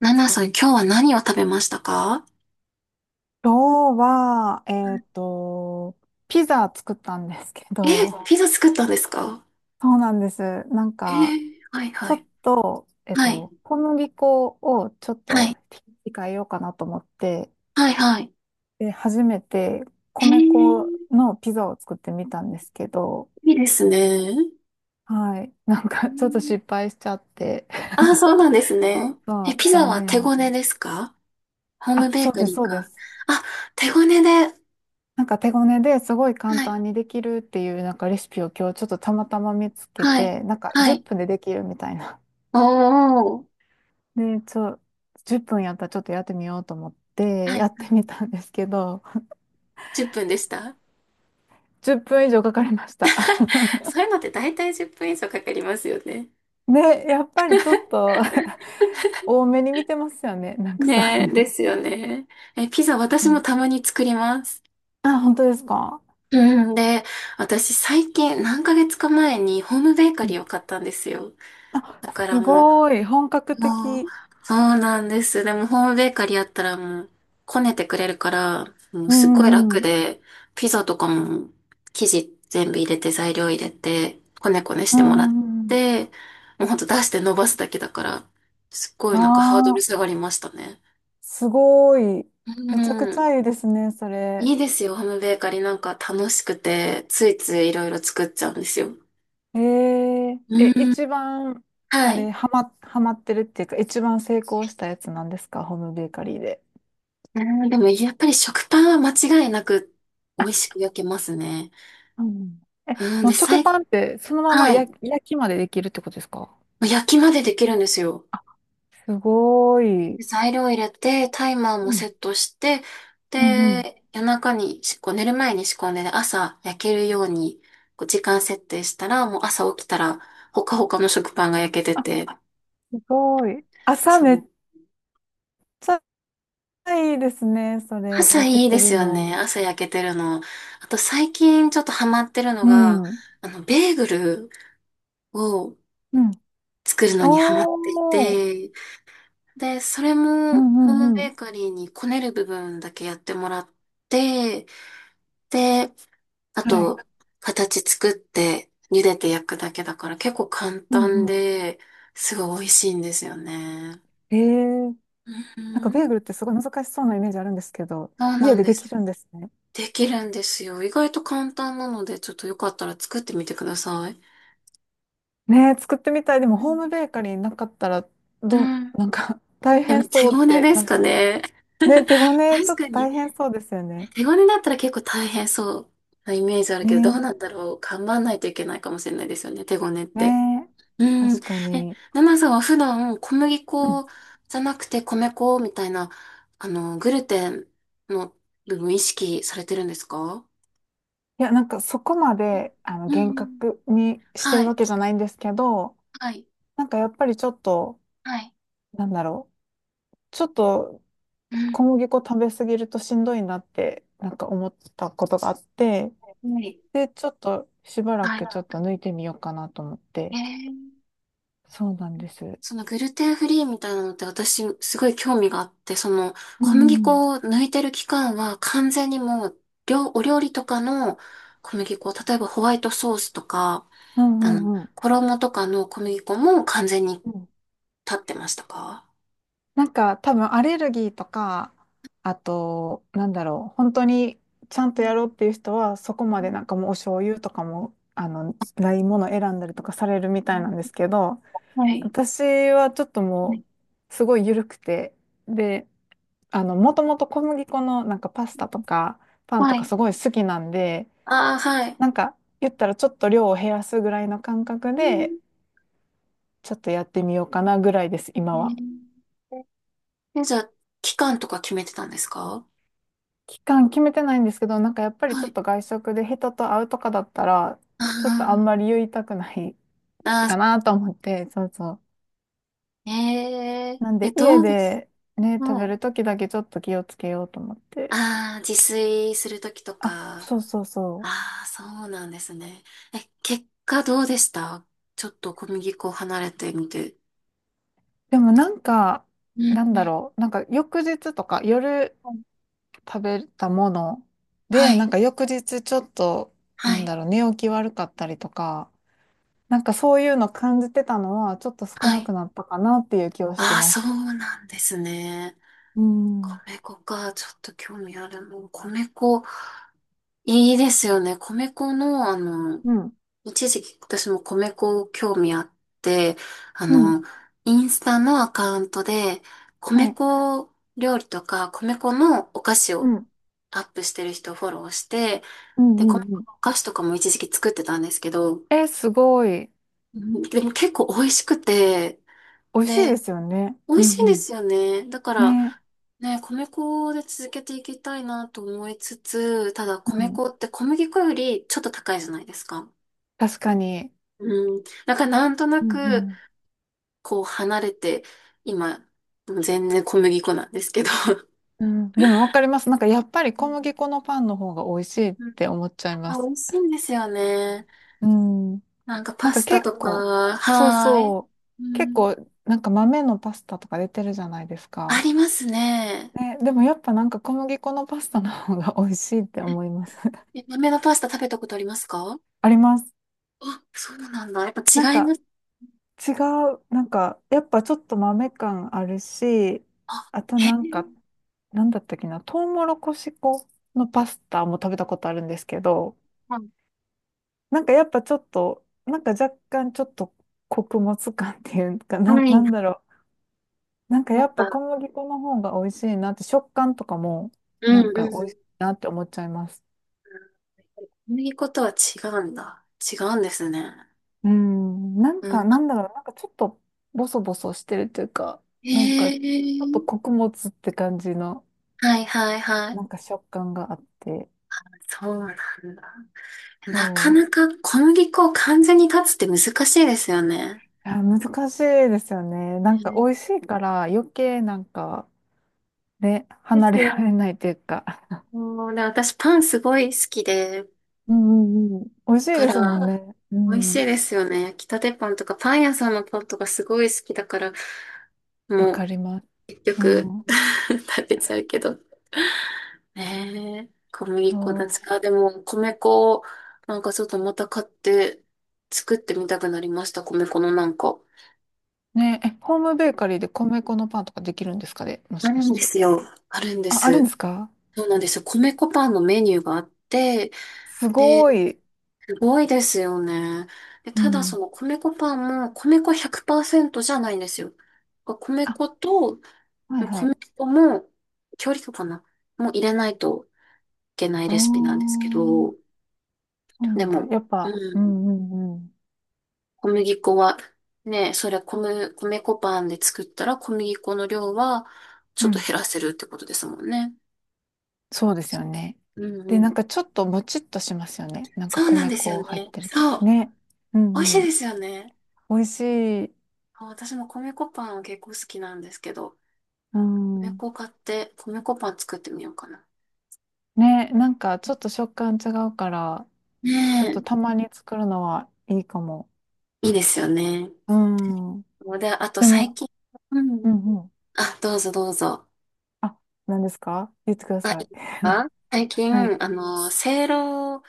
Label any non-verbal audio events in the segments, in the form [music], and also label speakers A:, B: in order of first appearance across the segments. A: ナナさん、今日は何を食べましたか？
B: 今日は、ピザ作ったんですけ
A: え、
B: ど、
A: ピザ作ったんですか？
B: [laughs] そうなんです。なん
A: え
B: か、
A: ー、はい
B: ち
A: は
B: ょっ
A: い。
B: と、
A: はい、
B: 小麦粉をちょっ
A: は
B: と
A: い、
B: 控えようかなと思って、
A: はい、はい。
B: で、初めて
A: へえ、
B: 米粉
A: い
B: のピザを作ってみたんですけど、
A: いですね。
B: はい。なん
A: え
B: か、ちょっと
A: ー、
B: 失敗しちゃって、
A: あ、そうなんですね。
B: [laughs] ま
A: え、
B: あ、
A: ピザ
B: 残
A: は
B: 念
A: 手
B: な
A: ご
B: 感
A: ねで
B: じ。
A: すか？ホーム
B: あ、
A: ベ
B: そ
A: ー
B: う
A: カ
B: です、
A: リー
B: そうで
A: か。
B: す。
A: あ、手ごねで。は
B: なんか手ごねですごい簡単
A: い、
B: にできるっていうなんかレシピを今日ちょっとたまたま見つけ
A: はい、
B: て、なんか
A: は
B: 10
A: い。
B: 分でできるみたいな。
A: おー。
B: [laughs] で、10分やったらちょっとやってみようと思って
A: は
B: や
A: い。
B: ってみたんですけど、
A: 10分でした。
B: 10分以上かかりました。[laughs]
A: そういうのって大体10分以上かかりますよね。
B: ね、やっぱりちょっと [laughs] 多めに見てますよね。なんかそう
A: ね
B: い
A: え、で
B: う。
A: すよね。え、ピザ
B: う
A: 私も
B: ん。
A: たまに作ります。
B: あ、本当ですか？
A: うん、で、私最近何ヶ月か前にホームベーカ
B: う
A: リ
B: ん。
A: ーを買ったんですよ。
B: あ、
A: だから
B: す
A: も
B: ごい。本格
A: う、もう、
B: 的。
A: そうなんです。でもホームベーカリーやったらもう、こねてくれるから、もう
B: う
A: すっ
B: ん
A: ごい
B: うんう
A: 楽
B: ん。
A: で、ピザとかも生地全部入れて材料入れて、こねこねし
B: うん
A: てもらっ
B: うんうん。
A: て、もうほんと出して伸ばすだけだから、すっご
B: あ
A: いなんかハードル下
B: あ。
A: がりましたね。
B: すごい。
A: う
B: めちゃくち
A: ん、
B: ゃいいですね、それ。
A: いいですよ、ホームベーカリーなんか楽しくて、ついついいろいろ作っちゃうんですよ。う
B: え、
A: ーん。
B: 一番、あ
A: はい。
B: れ、ハマってるっていうか、一番成功したやつなんですか、ホームベーカリーで。
A: うーん、でもやっぱり食パンは間違いなく美味しく焼けますね。
B: うん。え、
A: うん、
B: もう
A: で、
B: 食パンってそのまま
A: はい。
B: 焼きまでできるってことですか？
A: 焼きまでできるんですよ。
B: あ、すごい。
A: 材料入れて、タイマーも
B: う
A: セ
B: ん。
A: ットして、
B: うんうん。
A: で、夜中にこう寝る前に仕込んで、で朝焼けるように、こう時間設定したら、もう朝起きたら、ほかほかの食パンが焼けて
B: あ、
A: て、
B: すごい。朝
A: そ
B: めっ
A: う。
B: ちゃいいですね、それ、
A: 朝
B: 焼け
A: いいで
B: てる
A: すよね。
B: の。
A: 朝焼けてるの。あと最近ちょっとハマってるの
B: う
A: が、
B: ん。
A: ベーグルを、
B: うん。
A: 作るのにハマってい
B: おー。
A: て、で、それ
B: う
A: も
B: んう
A: ホーム
B: んう
A: ベ
B: ん。
A: ーカリーにこねる部分だけやってもらって、で、あ
B: は
A: と、
B: い。
A: 形作って茹でて焼くだけだから結構簡
B: うん
A: 単
B: うん。
A: で、すごい美味しいんですよね。
B: ええ。
A: う
B: なんかベー
A: ん、
B: グルってすごい難しそうなイメージあるんですけど、
A: そうな
B: 家
A: ん
B: で
A: で
B: でき
A: す。
B: るんですね。
A: できるんですよ。意外と簡単なので、ちょっとよかったら作ってみてください。
B: ねえ、作ってみたい。でも
A: う
B: ホー
A: ん。
B: ムベーカリーなかったら、
A: うん。
B: なんか [laughs] 大
A: でも
B: 変
A: 手
B: そうっ
A: ごね
B: て、
A: で
B: な
A: す
B: ん
A: か
B: か、
A: ね。
B: ね、手ごね、ち
A: 確
B: ょっと
A: かに。
B: 大変そうですよね。
A: 手ごねだったら結構大変そうなイメージあるけど、どう
B: ね
A: なんだろう。頑張んないといけないかもしれないですよね、手ごねっ
B: え、
A: て。
B: ね
A: う
B: え、
A: ん。
B: 確か
A: え、
B: に。
A: ナナさんは普段小麦
B: うん。
A: 粉じゃなくて米粉みたいな、グルテンの部分意識されてるんですか？
B: いや、なんかそこまで、あの、
A: う
B: 厳
A: ん。
B: 格にして
A: は
B: るわ
A: い。
B: けじゃないんですけど、
A: はい。
B: なんかやっぱりちょっと、
A: はい。
B: なんだろう、ちょっと
A: うん。
B: 小麦粉食べ過ぎるとしんどいなって、なんか思ったことがあって、
A: はい。
B: で、ちょっとしばら
A: はい。
B: くちょっと抜いてみようかなと思っ
A: え
B: て。
A: ー
B: そうなんです。
A: そのグルテンフリーみたいなのって私すごい興味があって、その
B: う
A: 小麦
B: ん
A: 粉を抜いてる期間は完全にもうお料理とかの小麦粉、例えばホワイトソースとか、
B: うんうんうん
A: 衣とかの小麦粉も完全に
B: うん。
A: 立ってましたか？
B: なんか多分アレルギーとか、あと、なんだろう、本当にちゃんとやろうっ
A: は
B: ていう人は、そこまで
A: い。
B: なんかもうお醤油とかも、あの、ないものを選んだりとかされるみ
A: う
B: たいな
A: ん
B: んですけど、
A: はい
B: 私はちょっともう、すごい緩くて、で、あの、もともと小麦粉のなんかパスタとか、パンと
A: は
B: か
A: い。
B: すごい好きなんで、
A: ああ、はい。
B: なんか言ったらちょっと量を減らすぐらいの感覚
A: う
B: で
A: ん、
B: ちょっとやってみようかなぐらいです今は。
A: え、じゃあ、期間とか決めてたんですか？
B: 期間決めてないんですけど、なんかやっぱりち
A: は
B: ょっ
A: い。
B: と外食で人と会うとかだったら
A: あ
B: ちょっとあん
A: ー、
B: まり言いたくない
A: あ
B: かなと思って。そうそう。
A: ー、え、え
B: なん
A: え、
B: で家
A: どうです？
B: でね、食
A: は
B: べ
A: い。
B: る時だけちょっと気をつけようと思って。
A: ああ、自炊するときと
B: あ、
A: か。
B: そうそうそう。
A: ああ、そうなんですね。え、結果どうでした？ちょっと小麦粉を離れてみて。
B: でもなんか、
A: う
B: な
A: ん
B: ん
A: う
B: だ
A: ん。
B: ろう、なんか翌日とか夜食べたもの
A: は
B: で、な
A: い。
B: んか翌日ちょっと、
A: は
B: な
A: い、
B: ん
A: は
B: だ
A: い、
B: ろう、寝起き悪かったりとか、なんかそういうの感じてたのは、ちょっと少なくなったかなっていう気はして
A: ああ、
B: ま
A: そ
B: す。
A: うなんですね。
B: うん。う
A: 米粉か、ちょっと興味ある。もう米粉、いいですよね。米粉の、
B: ん、
A: 一時期私も米粉興味あって、あ
B: うん、
A: の、インスタのアカウントで、米
B: はい、
A: 粉料理とか、米粉のお菓子
B: う
A: を
B: ん、
A: アップしてる人をフォローして、
B: う
A: で、
B: ん、うん、
A: 細かい
B: うん。
A: お菓子とかも一時期作ってたんですけど、
B: え、すごい。
A: うん、でも結構美味しくて、
B: 美味しいで
A: で、
B: すよね。
A: 美
B: う
A: 味しいんで
B: ん
A: すよね。だか
B: う
A: ら
B: ん。ね。
A: ね、米粉で続けていきたいなと思いつつ、ただ
B: う
A: 米
B: ん。
A: 粉って小麦粉よりちょっと高いじゃないですか。
B: 確かに。
A: うん。だからなんとな
B: うんう
A: く、
B: ん。
A: こう離れて、今、もう全然小麦粉なんですけど。
B: うん。でもわかります。なんかやっぱり
A: う
B: 小
A: ん、
B: 麦粉のパンの方が美味しいっ
A: うん、
B: て思っちゃいま
A: あ、美
B: す。
A: 味しいんですよね。
B: うん。
A: なんか
B: な
A: パ
B: んか
A: スタ
B: 結
A: とか、
B: 構、そう
A: はーい。
B: そ
A: う
B: う、結構
A: ん、
B: なんか豆のパスタとか出てるじゃないです
A: あ
B: か。
A: りますね。
B: ね、でもやっぱなんか小麦粉のパスタの方が美味しいって思います。[laughs]
A: え、豆のパスタ食べたことありますか？
B: あります。
A: あ、そうなんだ。やっぱ
B: なん
A: 違いま
B: か
A: す。
B: 違う、なんかやっぱちょっと豆感あるし、
A: あ、
B: あと
A: へえ。
B: なんか、なんだったっけな、トウモロコシ粉のパスタも食べたことあるんですけど、
A: はい。
B: なんかやっぱちょっと、なんか若干ちょっと穀物感っていうか、
A: は
B: な、な
A: い、
B: んだろう。なんか
A: やっ
B: やっぱ
A: ぱ、
B: 小麦粉の方が美味しいなって、食感とかも
A: う
B: なん
A: ん、う
B: か美味しい
A: ん、
B: なって思っちゃいます。
A: 小麦粉とは違うんだ。違うんですね。
B: うん、なん
A: う
B: か
A: ん。
B: なんだろう、なんかちょっとボソボソしてるっていうか、
A: へ
B: なんかちょっと
A: え。
B: 穀物って感じの
A: はいはいはい。
B: なんか食感があって、
A: そうなんだ。なか
B: そ
A: なか小麦粉を完全に断つって難しいですよね。
B: う。いや、難しいですよね。なんか美
A: ね、
B: 味しいから余計なんか、ね、
A: で
B: 離
A: す
B: れられ
A: よ。
B: ないというか。
A: もうね、私パンすごい好きで、
B: うんうんうん。美味しい
A: だか
B: ですもん
A: ら、
B: ね。う
A: 美味し
B: ん。
A: いですよね。焼きたてパンとか、パン屋さんのパンとかすごい好きだから、
B: わ
A: も
B: か
A: う
B: ります。
A: 結
B: う
A: 局
B: ん。
A: [laughs] 食べちゃうけど。ねえ、小麦粉だつ
B: そう。
A: か。でも、米粉を、なんかちょっとまた買って、作ってみたくなりました。米粉のなんか。
B: ねえ、ホームベーカリーで米粉のパンとかできるんですかね、も
A: あ
B: しか
A: る
B: し
A: んで
B: て。
A: すよ。あるんで
B: あ、あるん
A: す。
B: ですか？
A: そうなんですよ。米粉パンのメニューがあって、
B: す
A: で、
B: ごい。
A: すごいですよね。で、
B: う
A: ただそ
B: ん。
A: の米粉パンも米粉100%じゃないんですよ。米
B: あ、
A: 粉と
B: はいは
A: こ
B: い。
A: の人も、調理とかな、もう入れないといけない
B: あ
A: レシピなんで
B: あ、
A: すけど、
B: そうな
A: で
B: んだ。
A: も、
B: やっ
A: う
B: ぱ、う
A: ん、
B: んうんうん。
A: 小麦粉は、ね、それは米粉パンで作ったら小麦粉の量はち
B: う
A: ょっと
B: ん。
A: 減らせるってことですもんね。
B: そうですよね。
A: うんう
B: で、なん
A: ん。
B: かちょっともちっとしますよね。なんか
A: そうなん
B: 米
A: です
B: 粉
A: よ
B: 入っ
A: ね。
B: てると。
A: そう。
B: ね。う
A: 美味し
B: ん
A: い
B: うん。
A: ですよね。
B: 美味しい。
A: あ、私も米粉パンは結構好きなんですけど、
B: う
A: 米
B: ん。
A: 粉買って米粉パン作ってみようかな。
B: ね、なんかちょっと食感違うから、
A: ね
B: ちょっと
A: え、
B: たまに作るのはいいかも。
A: いいですよね。
B: うん。
A: で、あと
B: で
A: 最
B: も、
A: 近、うん。
B: うんうん。
A: あ、どうぞどうぞ。
B: あ、何ですか？言ってくだ
A: あ、
B: さ
A: いい
B: い。
A: ですか？最
B: [laughs]
A: 近、
B: はい。
A: せいろ、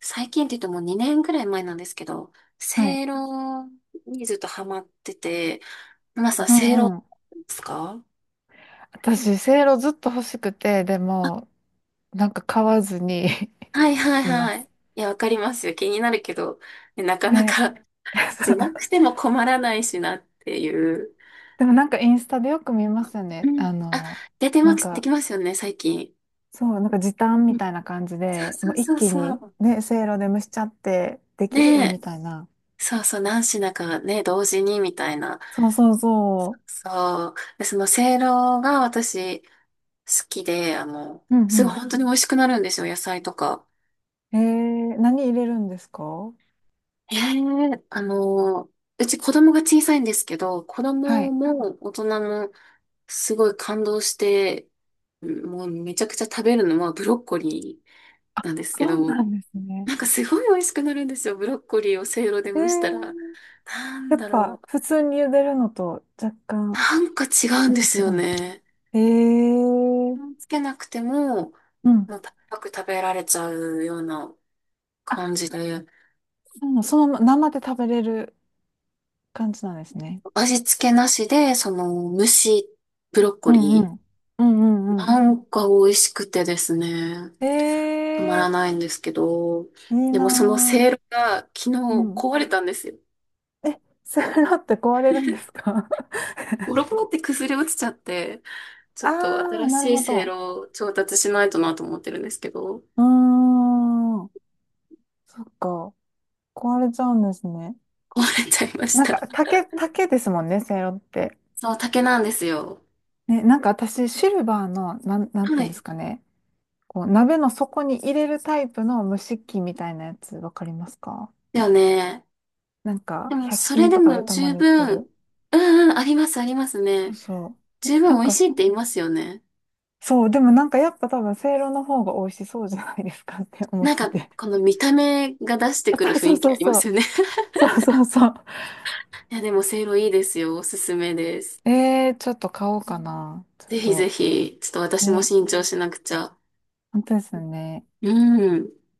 A: 最近って言っても2年ぐらい前なんですけど、
B: は
A: せ
B: い。
A: いろにずっとハマってて、皆さん、
B: う
A: せいろで
B: んうん。
A: すか？
B: 私、せいろずっと欲しくて、でも、なんか買わずに
A: はいは
B: [laughs]
A: い
B: いま
A: は
B: す。
A: い。いや、わかりますよ。気になるけど、ね、なかな
B: ね。
A: か、
B: [laughs] そ
A: しなく
B: う。
A: ても困らないしなっていう。
B: でもなんかインスタでよく見ますよ
A: う
B: ね。
A: ん。
B: あ
A: あ、
B: の、
A: 出て
B: な
A: ま
B: ん
A: す、で
B: か、
A: きますよね、最近。
B: そう、なんか時短みたいな感じ
A: そう
B: で、
A: そ
B: もう
A: う
B: 一
A: そう
B: 気に
A: そう。
B: ね、せいろで蒸しちゃってできる
A: ねえ。
B: みたいな。
A: そうそう、何品かね、同時にみたいな。
B: そうそうそ
A: そう。で、その、せいろが私、好きで、
B: う。う
A: すごい
B: ん
A: 本当に美味しくなるんですよ、野菜とか。
B: うん。何入れるんですか？
A: へえ、うち子供が小さいんですけど、子
B: は
A: 供
B: い。
A: も大人もすごい感動して、うん、もうめちゃくちゃ食べるのはブロッコリーなんですけ
B: そう
A: ど、
B: なんですね。
A: なんかすごい美味しくなるんですよ、ブロッコリーをせいろで
B: え
A: 蒸したら。
B: ー
A: なん
B: やっ
A: だろ
B: ぱ、
A: う。
B: 普通に茹でるのと若干、
A: なんか違うん
B: なん
A: で
B: か
A: す
B: 違
A: よ
B: うんですか？
A: ね。
B: ええー。
A: つけなくても、
B: うん。
A: もうパクパク食べられちゃうような
B: あ、
A: 感じで。
B: そうなの、そのまま生で食べれる感じなんですね。
A: 味付けなしで、その、蒸しブロッコ
B: うんう
A: リ
B: ん。うんう
A: ー。
B: んうん。
A: なんか美味しくてですね、
B: え
A: たまらな
B: え
A: いんですけど、
B: ー、いい
A: でもその
B: なー。
A: せいろが昨日
B: うん。
A: 壊れたんですよ。
B: え、セロって壊れるんですか？
A: ボロボロって崩れ落ちちゃって、
B: [laughs]
A: ちょっと
B: ああー、
A: 新
B: なる
A: しい
B: ほ
A: せい
B: ど。
A: ろを調達しないとなと思ってるんですけど、
B: うーん。そっか。壊れちゃうんですね。
A: 壊れちゃいまし
B: なん
A: た。
B: か、竹ですもんね、セイロって。
A: そう、竹なんですよ。
B: ね、なんか私、シルバーの、なん、なんて
A: は
B: いうんで
A: い。
B: すかね。こう、鍋の底に入れるタイプの蒸し器みたいなやつ、わかりますか？
A: だよね。
B: なんか、
A: でも、
B: 100
A: それ
B: 均
A: で
B: とか
A: も
B: でたま
A: 十
B: に売って
A: 分、
B: る。
A: うんうん、あります、あります
B: そう
A: ね。
B: そう。
A: 十分
B: なん
A: 美味
B: か、
A: しいって言いますよね。
B: そう、でもなんかやっぱ多分、せいろの方が美味しそうじゃないですかって思っ
A: なん
B: て
A: か、
B: て。
A: この見た目が出して
B: あ、
A: くる
B: そう
A: 雰
B: そう
A: 囲気
B: そう
A: ありま
B: そ
A: す
B: う。
A: よね。
B: そうそうそう。
A: [laughs] いや、でも、せいろいいですよ。おすすめです。
B: えー、ちょっと買おうかな。ちょっ
A: ぜひぜ
B: と、
A: ひ、ちょっと私も
B: ね、
A: 新調しなくちゃ。
B: 本当ですよね。
A: うん。